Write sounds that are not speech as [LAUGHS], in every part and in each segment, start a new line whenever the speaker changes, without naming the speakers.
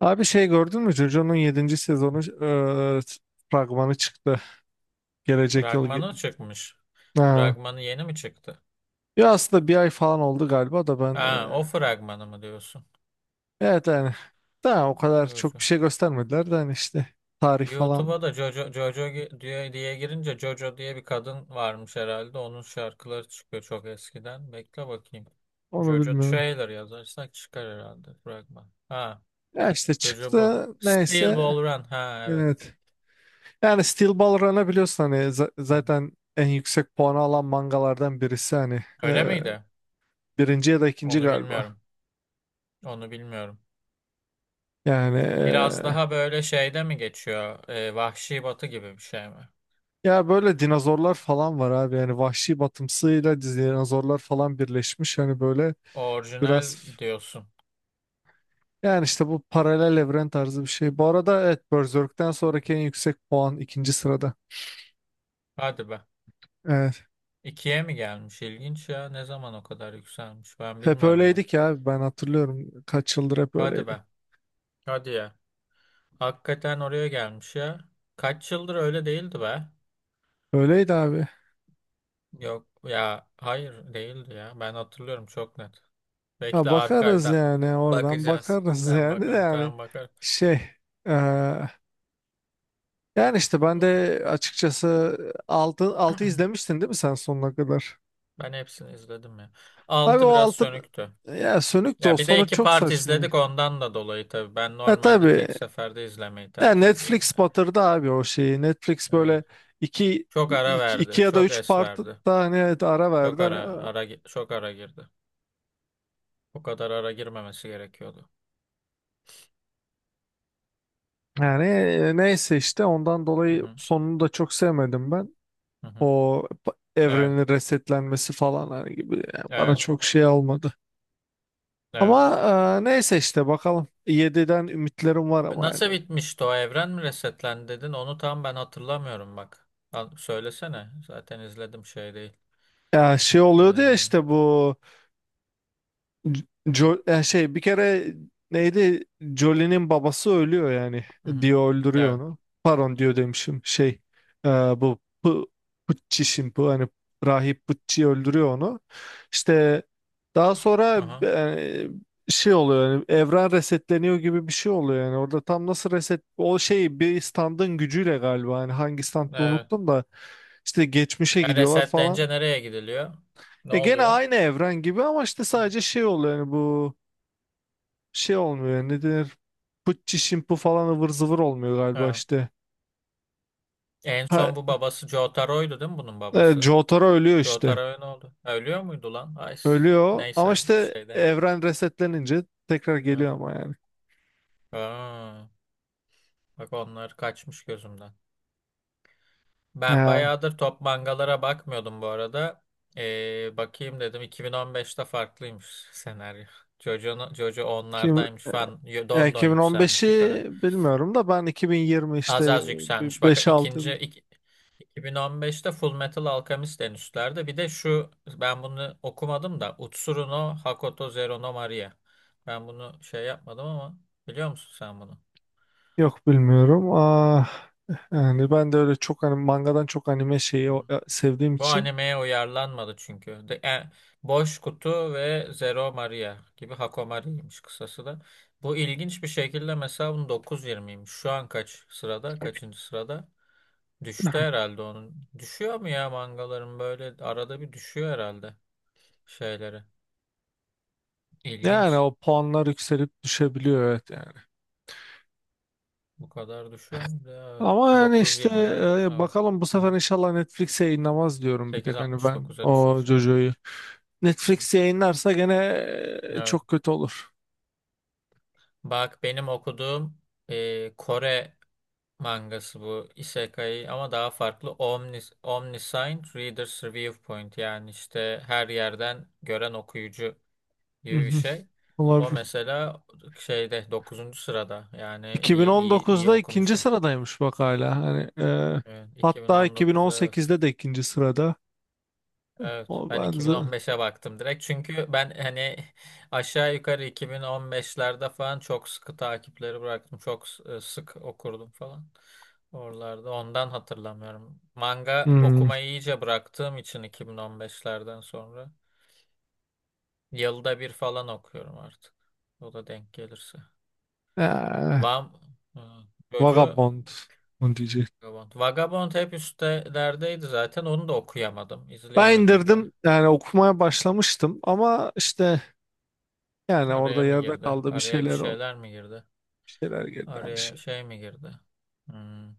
Abi şey gördün mü? JoJo'nun yedinci sezonu e, fragmanı çıktı. Gelecek yıl.
Fragmanı çıkmış.
Ha.
Fragmanı yeni mi çıktı?
Ya aslında bir ay falan oldu galiba da ben
Ha, o fragmanı mı diyorsun?
evet yani daha o kadar çok
Jojo.
bir şey göstermediler de hani işte tarih falan
YouTube'a da Jojo, Jojo diye, diye girince Jojo diye bir kadın varmış herhalde. Onun şarkıları çıkıyor çok eskiden. Bekle bakayım.
onu
Jojo
bilmiyorum.
trailer yazarsak çıkar herhalde fragman. Ha,
Ya işte
Jojo bu.
çıktı
Steel
neyse
Ball Run. Ha, evet.
evet. Yani Steel Ball Run'a biliyorsun hani zaten en yüksek puanı alan mangalardan birisi hani
Öyle miydi?
birinci ya da ikinci
Onu
galiba.
bilmiyorum. Onu bilmiyorum.
Yani
Biraz daha böyle şeyde mi geçiyor? Vahşi Batı gibi bir şey mi?
ya böyle dinozorlar falan var abi. Yani vahşi batımsıyla dinozorlar falan birleşmiş. Hani böyle
Orijinal
biraz
diyorsun.
yani işte bu paralel evren tarzı bir şey. Bu arada evet Berserk'ten sonraki en yüksek puan ikinci sırada.
Hadi be.
Evet.
İkiye mi gelmiş? İlginç ya. Ne zaman o kadar yükselmiş? Ben
Hep
bilmiyorum bak.
öyleydi ki abi ben hatırlıyorum. Kaç yıldır hep
Hadi be.
öyleydi.
Hadi ya. Hakikaten oraya gelmiş ya. Kaç yıldır öyle değildi be.
Öyleydi abi.
Yok ya. Hayır değildi ya. Ben hatırlıyorum çok net.
Ha,
Bekle
bakarız
arkaydan
yani oradan
bakacağız. Bak,
bakarız [LAUGHS]
tamam
yani de
bakarım.
yani
Tamam bakarım.
şey eee, yani işte ben de açıkçası altı
[CLEARS THROAT]
izlemiştin değil mi sen sonuna kadar?
Ben hepsini izledim ya.
Abi o
Altı biraz
altın
sönüktü.
ya sönük de o
Ya bir de
sonu
iki
çok
part
saçmaydı.
izledik ondan da dolayı tabii. Ben
E
normalde
tabii
tek seferde izlemeyi
ya
tercih ediyorum.
Netflix batırdı abi o şeyi. Netflix
Evet.
böyle iki,
Çok ara
iki
verdi.
ya da
Çok
üç
es
part
verdi.
da hani evet ara
Çok
verdi.
ara
Hani,
ara gi- çok ara girdi. O kadar ara girmemesi gerekiyordu.
yani neyse işte ondan
Hı
dolayı
hı.
sonunu da çok sevmedim ben.
Hı hı.
O
Evet.
evrenin resetlenmesi falan hani gibi yani bana
Evet.
çok şey olmadı.
Evet.
Ama neyse işte bakalım. Yediden ümitlerim var ama yani.
Nasıl bitmişti, o evren mi resetlendi dedin? Onu tam ben hatırlamıyorum bak. Al, söylesene. Zaten izledim şey değil.
Ya şey oluyordu ya
Hı
işte bu
hı.
Şey bir kere neydi? Jolie'nin babası ölüyor yani.
Hı hı.
Dio öldürüyor
Evet.
onu. Pardon Dio demişim. Şey bu Pu- Pucci şimdi bu hani rahip Pucci öldürüyor onu. İşte daha sonra
Hı hı.
şey oluyor yani evren resetleniyor gibi bir şey oluyor yani. Orada tam nasıl reset o şey bir standın gücüyle galiba hani hangi standı
Evet.
unuttum da işte geçmişe
Yani
gidiyorlar
resetlenince
falan.
nereye gidiliyor? Ne
E gene
oluyor?
aynı evren gibi ama işte sadece şey oluyor yani bu şey olmuyor yani ne denir pıtçı şimpu falan ıvır zıvır olmuyor galiba
Ha.
işte.
En
Ha,
son bu babası Jotaro'ydu değil mi, bunun babası?
Jotaro ölüyor işte.
Jotaro ne oldu? Ha, ölüyor muydu lan? Ay,
Ölüyor ama
neyse bir
işte
şey demeyeyim.
evren resetlenince tekrar
Evet.
geliyor ama yani.
Aa, bak onlar kaçmış gözümden. Ben
Ee,
bayağıdır top mangalara bakmıyordum bu arada. Bakayım dedim 2015'te farklıymış [LAUGHS] senaryo. Jojo, no, Jojo
kim,
onlardaymış falan.
ya
Don don
2015'i
yükselmiş yukarı.
bilmiyorum da ben 2020
Az
işte
az yükselmiş. Bak,
beş altı
ikinci
yıl
2015'te Full Metal Alchemist en üstlerde. Bir de şu, ben bunu okumadım da Utsuru no Hakoto Zero no Maria. Ben bunu şey yapmadım ama biliyor musun sen bunu?
yok bilmiyorum. Ah, yani ben de öyle çok hani mangadan çok anime
Hı
şeyi
hı.
sevdiğim
Bu
için
animeye uyarlanmadı çünkü. Boş Kutu ve Zero Maria gibi Hakomari'ymiş kısası da. Bu ilginç bir şekilde, mesela bunun 9.20'ymiş. Şu an kaç sırada? Kaçıncı sırada? Düştü herhalde onun. Düşüyor mu ya, mangaların böyle arada bir düşüyor herhalde şeyleri.
yani
İlginç.
o puanlar yükselip düşebiliyor evet yani.
Bu kadar düşüyor mu? Evet.
Ama yani işte
9.20'den evet.
bakalım bu
Hı
sefer
hı.
inşallah Netflix yayınlamaz diyorum bir
Sekiz
tek hani
altmış
ben
dokuz'a
o
düşmüş, evet.
Jojo'yu.
Hı hı.
Netflix yayınlarsa gene
Evet.
çok kötü olur.
Bak, benim okuduğum Kore mangası bu, Isekai ama daha farklı, Omnis, Omniscient Reader's Review Point, yani işte her yerden gören okuyucu gibi bir
Mhm.
şey. O
Olabilir.
mesela şeyde dokuzuncu sırada, yani iyi iyi iyi
2019'da ikinci
okumuşum.
sıradaymış bak hala. Hani e,
Evet,
hatta
2019'da evet.
2018'de de ikinci sırada.
Evet,
O
ben
ben z-
2015'e baktım direkt. Çünkü ben hani aşağı yukarı 2015'lerde falan çok sıkı takipleri bıraktım. Çok sık okurdum falan. Oralarda ondan hatırlamıyorum. Manga
Hmm.
okumayı iyice bıraktığım için 2015'lerden sonra yılda bir falan okuyorum artık. O da denk gelirse.
Ee,
Vam Ha, Jojo
Vagabond onu diyecek.
Vagabond. Vagabond hep üstelerdeydi zaten. Onu da okuyamadım,
Ben
izleyemedim de.
indirdim yani okumaya başlamıştım ama işte yani
Araya
orada
mı
yerde
girdi?
kaldı bir
Araya bir
şeyler oldu.
şeyler mi girdi?
Bir şeyler geldi yani
Araya
şey.
şey mi girdi? Hmm.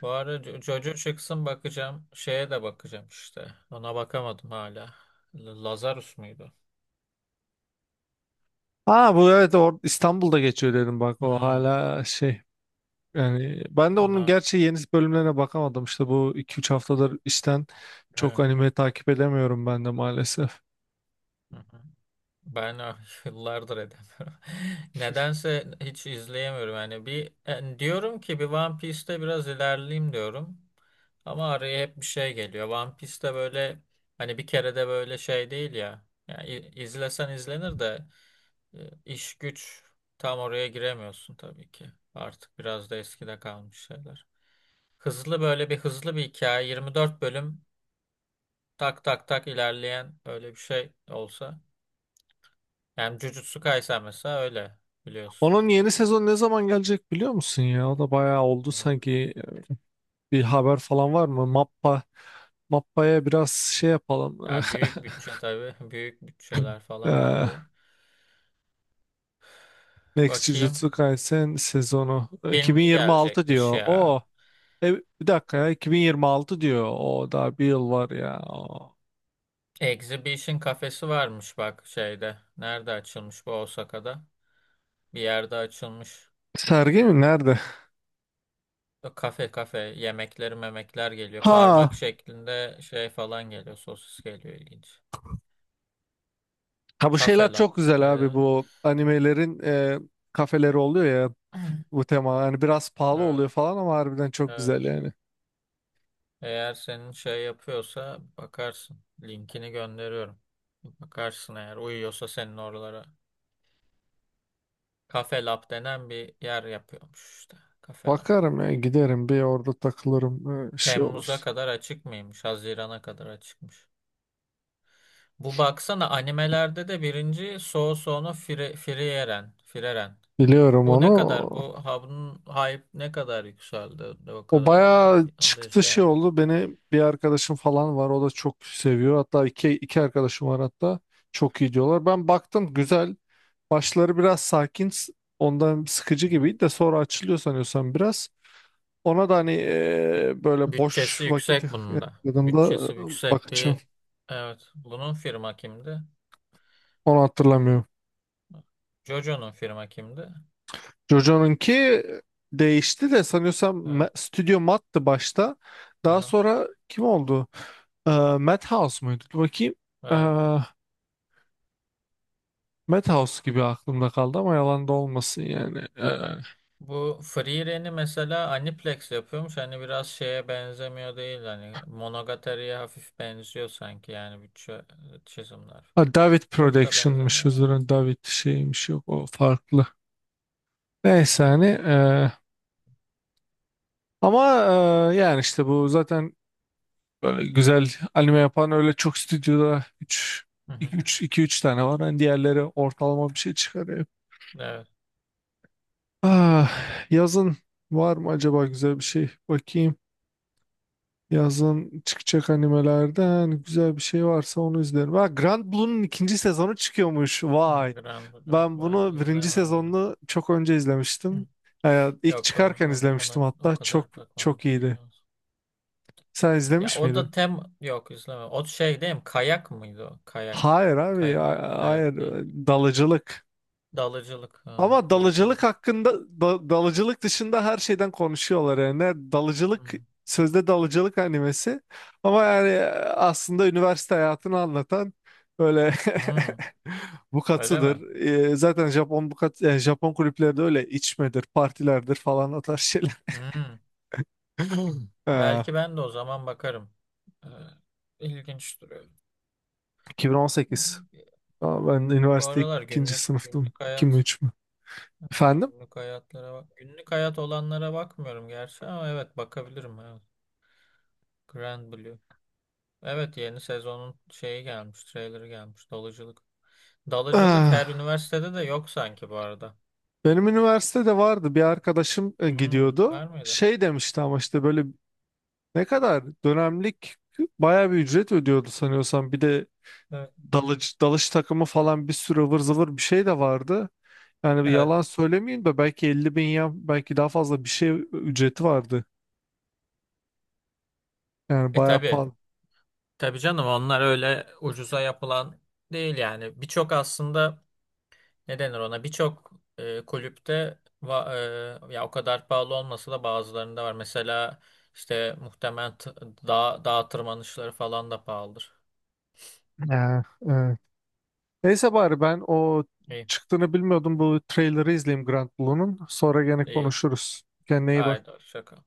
Bu ara Jojo çıksın bakacağım. Şeye de bakacağım işte. Ona bakamadım hala. Lazarus muydu?
Ha bu evet İstanbul'da geçiyor dedim bak o
Hmm.
hala şey yani ben de
Ona
onun gerçi yeni bölümlerine bakamadım işte bu iki üç haftadır işten çok
evet.
anime takip edemiyorum ben de maalesef.
Hı hı. Ben ah, [LAUGHS] yıllardır edemiyorum. [LAUGHS] Nedense hiç izleyemiyorum. Yani bir yani diyorum ki bir One Piece'te biraz ilerleyeyim diyorum. Ama araya hep bir şey geliyor. One Piece'te böyle, hani bir kere de böyle şey değil ya. Yani izlesen izlenir de İş güç, tam oraya giremiyorsun tabii ki. Artık biraz da eskide kalmış şeyler. Hızlı bir hikaye, 24 bölüm tak tak tak ilerleyen öyle bir şey olsa. Yani Jujutsu Kaisen mesela öyle biliyorsun.
Onun yeni sezon ne zaman gelecek biliyor musun ya? O da bayağı oldu
Evet.
sanki bir haber falan var mı? Mappa'ya biraz şey yapalım.
Ya büyük
[LAUGHS]
bütçe tabii. [LAUGHS] Büyük bütçeler falan
Eee,
tabii.
Next
Bakayım.
Jujutsu Kaisen sezonu
Filmi
2026
gelecekmiş
diyor.
ya.
O e, bir dakika ya 2026 diyor. O daha bir yıl var ya. Oo.
Exhibition kafesi varmış, bak şeyde. Nerede açılmış bu, Osaka'da? Bir yerde açılmış.
Sergi mi? Nerede?
Yok, Kafe yemekleri memekler geliyor. Parmak
Ha.
şeklinde şey falan geliyor. Sosis geliyor, ilginç.
Ha, bu
Kafe
şeyler
Lab.
çok güzel abi
Nerede?
bu animelerin kafeleri oluyor ya
Evet,
bu tema. Yani biraz pahalı
evet.
oluyor falan ama harbiden çok
Evet.
güzel yani.
Eğer senin şey yapıyorsa bakarsın. Linkini gönderiyorum. Bakarsın eğer uyuyorsa senin oralara. Kafe Lab denen bir yer yapıyormuş işte. Kafe Lab.
Bakarım ya giderim bir orada takılırım şey
Temmuz'a
olur.
kadar açık mıymış? Haziran'a kadar açıkmış. Bu baksana, animelerde de birinci soğu soğunu Fire, Frieren. Frieren.
Biliyorum
Bu ne
onu.
kadar? Bu havunun hype ne kadar yükseldi de o
O
kadar oldu.
bayağı
Onu da
çıktı şey
izleyemedik.
oldu. Beni bir arkadaşım falan var. O da çok seviyor. Hatta iki arkadaşım var hatta. Çok iyi diyorlar. Ben baktım güzel. Başları biraz sakin. Ondan sıkıcı
Hı hı.
gibiydi de sonra açılıyor sanıyorsam biraz. Ona da hani böyle boş
Bütçesi
vakit
yüksek bunun da.
yakaladığımda
Bütçesi yüksek
bakacağım.
bir... Evet. Bunun firma kimdi?
Onu hatırlamıyorum.
Jojo'nun firma kimdi?
Jojo'nunki değişti de sanıyorsam
Evet.
Studio Matt'tı başta. Daha
Aha.
sonra kim oldu? Eee Madhouse muydu? Dur bakayım.
Evet.
Madhouse gibi aklımda kaldı ama yalan da olmasın yani.
Bu Free Ren'i mesela Aniplex yapıyormuş. Hani biraz şeye benzemiyor değil. Hani Monogatari'ye hafif benziyor sanki. Yani bütçe, çizimler
Ha,
falan.
David
Çok da benzemiyor
Production'mış özür
ama.
dilerim, David şeymiş yok o farklı. Neyse hani ama yani işte bu zaten böyle güzel anime yapan öyle çok stüdyoda
Hı hı.
üç iki üç tane var. Hani diğerleri ortalama bir şey çıkarıyor.
Evet.
Ah, yazın var mı acaba güzel bir şey? Bakayım. Yazın çıkacak animelerden güzel bir şey varsa onu izlerim. Ha, Grand Blue'nun ikinci sezonu çıkıyormuş.
Hmm,
Vay.
Grand Blue.
Ben
Ben
bunu birinci
izlemiyorum onu.
sezonunu çok önce
Hı.
izlemiştim. İlk
Yok, ben
çıkarken
ona
izlemiştim
o
hatta. Çok
kadar bakmadım.
çok iyiydi.
Evet.
Sen
Ya
izlemiş
o
miydin?
da yok, izlemiyorum. O şey değil mi? Kayak mıydı o? Kayak.
Hayır abi.
Kayak.
Hayır.
Kayak değil.
Dalıcılık.
Dalıcılık. Ha,
Ama dalıcılık
dalıcılık.
hakkında dalıcılık dışında her şeyden konuşuyorlar yani. Dalıcılık
Hmm.
sözde dalıcılık animesi ama yani aslında üniversite hayatını anlatan böyle
Hmm,
[LAUGHS]
öyle mi?
bukatıdır. Zaten Japon bukat yani Japon kulüpleri de öyle içmedir, partilerdir falan o tarz şeyler.
Hmm.
[LAUGHS] E,
Belki ben de o zaman bakarım. Ee, ilginç duruyor. Hı
2018.
hı.
Aa, ben
Bu
üniversite
aralar
ikinci sınıftım. 2 mi 3 mü? Efendim?
günlük hayatlara bak. Günlük hayat olanlara bakmıyorum gerçi ama evet, bakabilirim. Evet. Grand Blue. Evet, yeni sezonun şeyi gelmiş, trailerı gelmiş. Dalıcılık. Dalıcılık her
Ah.
üniversitede de yok sanki bu arada.
Benim üniversitede vardı bir arkadaşım
Hmm,
gidiyordu.
var mıydı?
Şey demişti ama işte böyle ne kadar dönemlik bayağı bir ücret ödüyordu sanıyorsam. Bir de
Evet.
dalış takımı falan bir sürü ıvır zıvır bir şey de vardı. Yani bir
Evet.
yalan söylemeyeyim de belki 50.000 ya belki daha fazla bir şey ücreti vardı. Yani
E
bayağı
tabii.
pahalı.
Tabii canım, onlar öyle ucuza yapılan değil yani. Birçok, aslında ne denir ona, birçok kulüpte ya, o kadar pahalı olmasa da bazılarında var. Mesela işte muhtemelen dağ tırmanışları falan da pahalıdır.
Ya, evet. Neyse bari ben o
İyi.
çıktığını bilmiyordum bu trailer'ı izleyeyim Grand Blue'nun. Sonra gene
İyi.
konuşuruz. Kendine iyi
Haydi
bak.
şaka.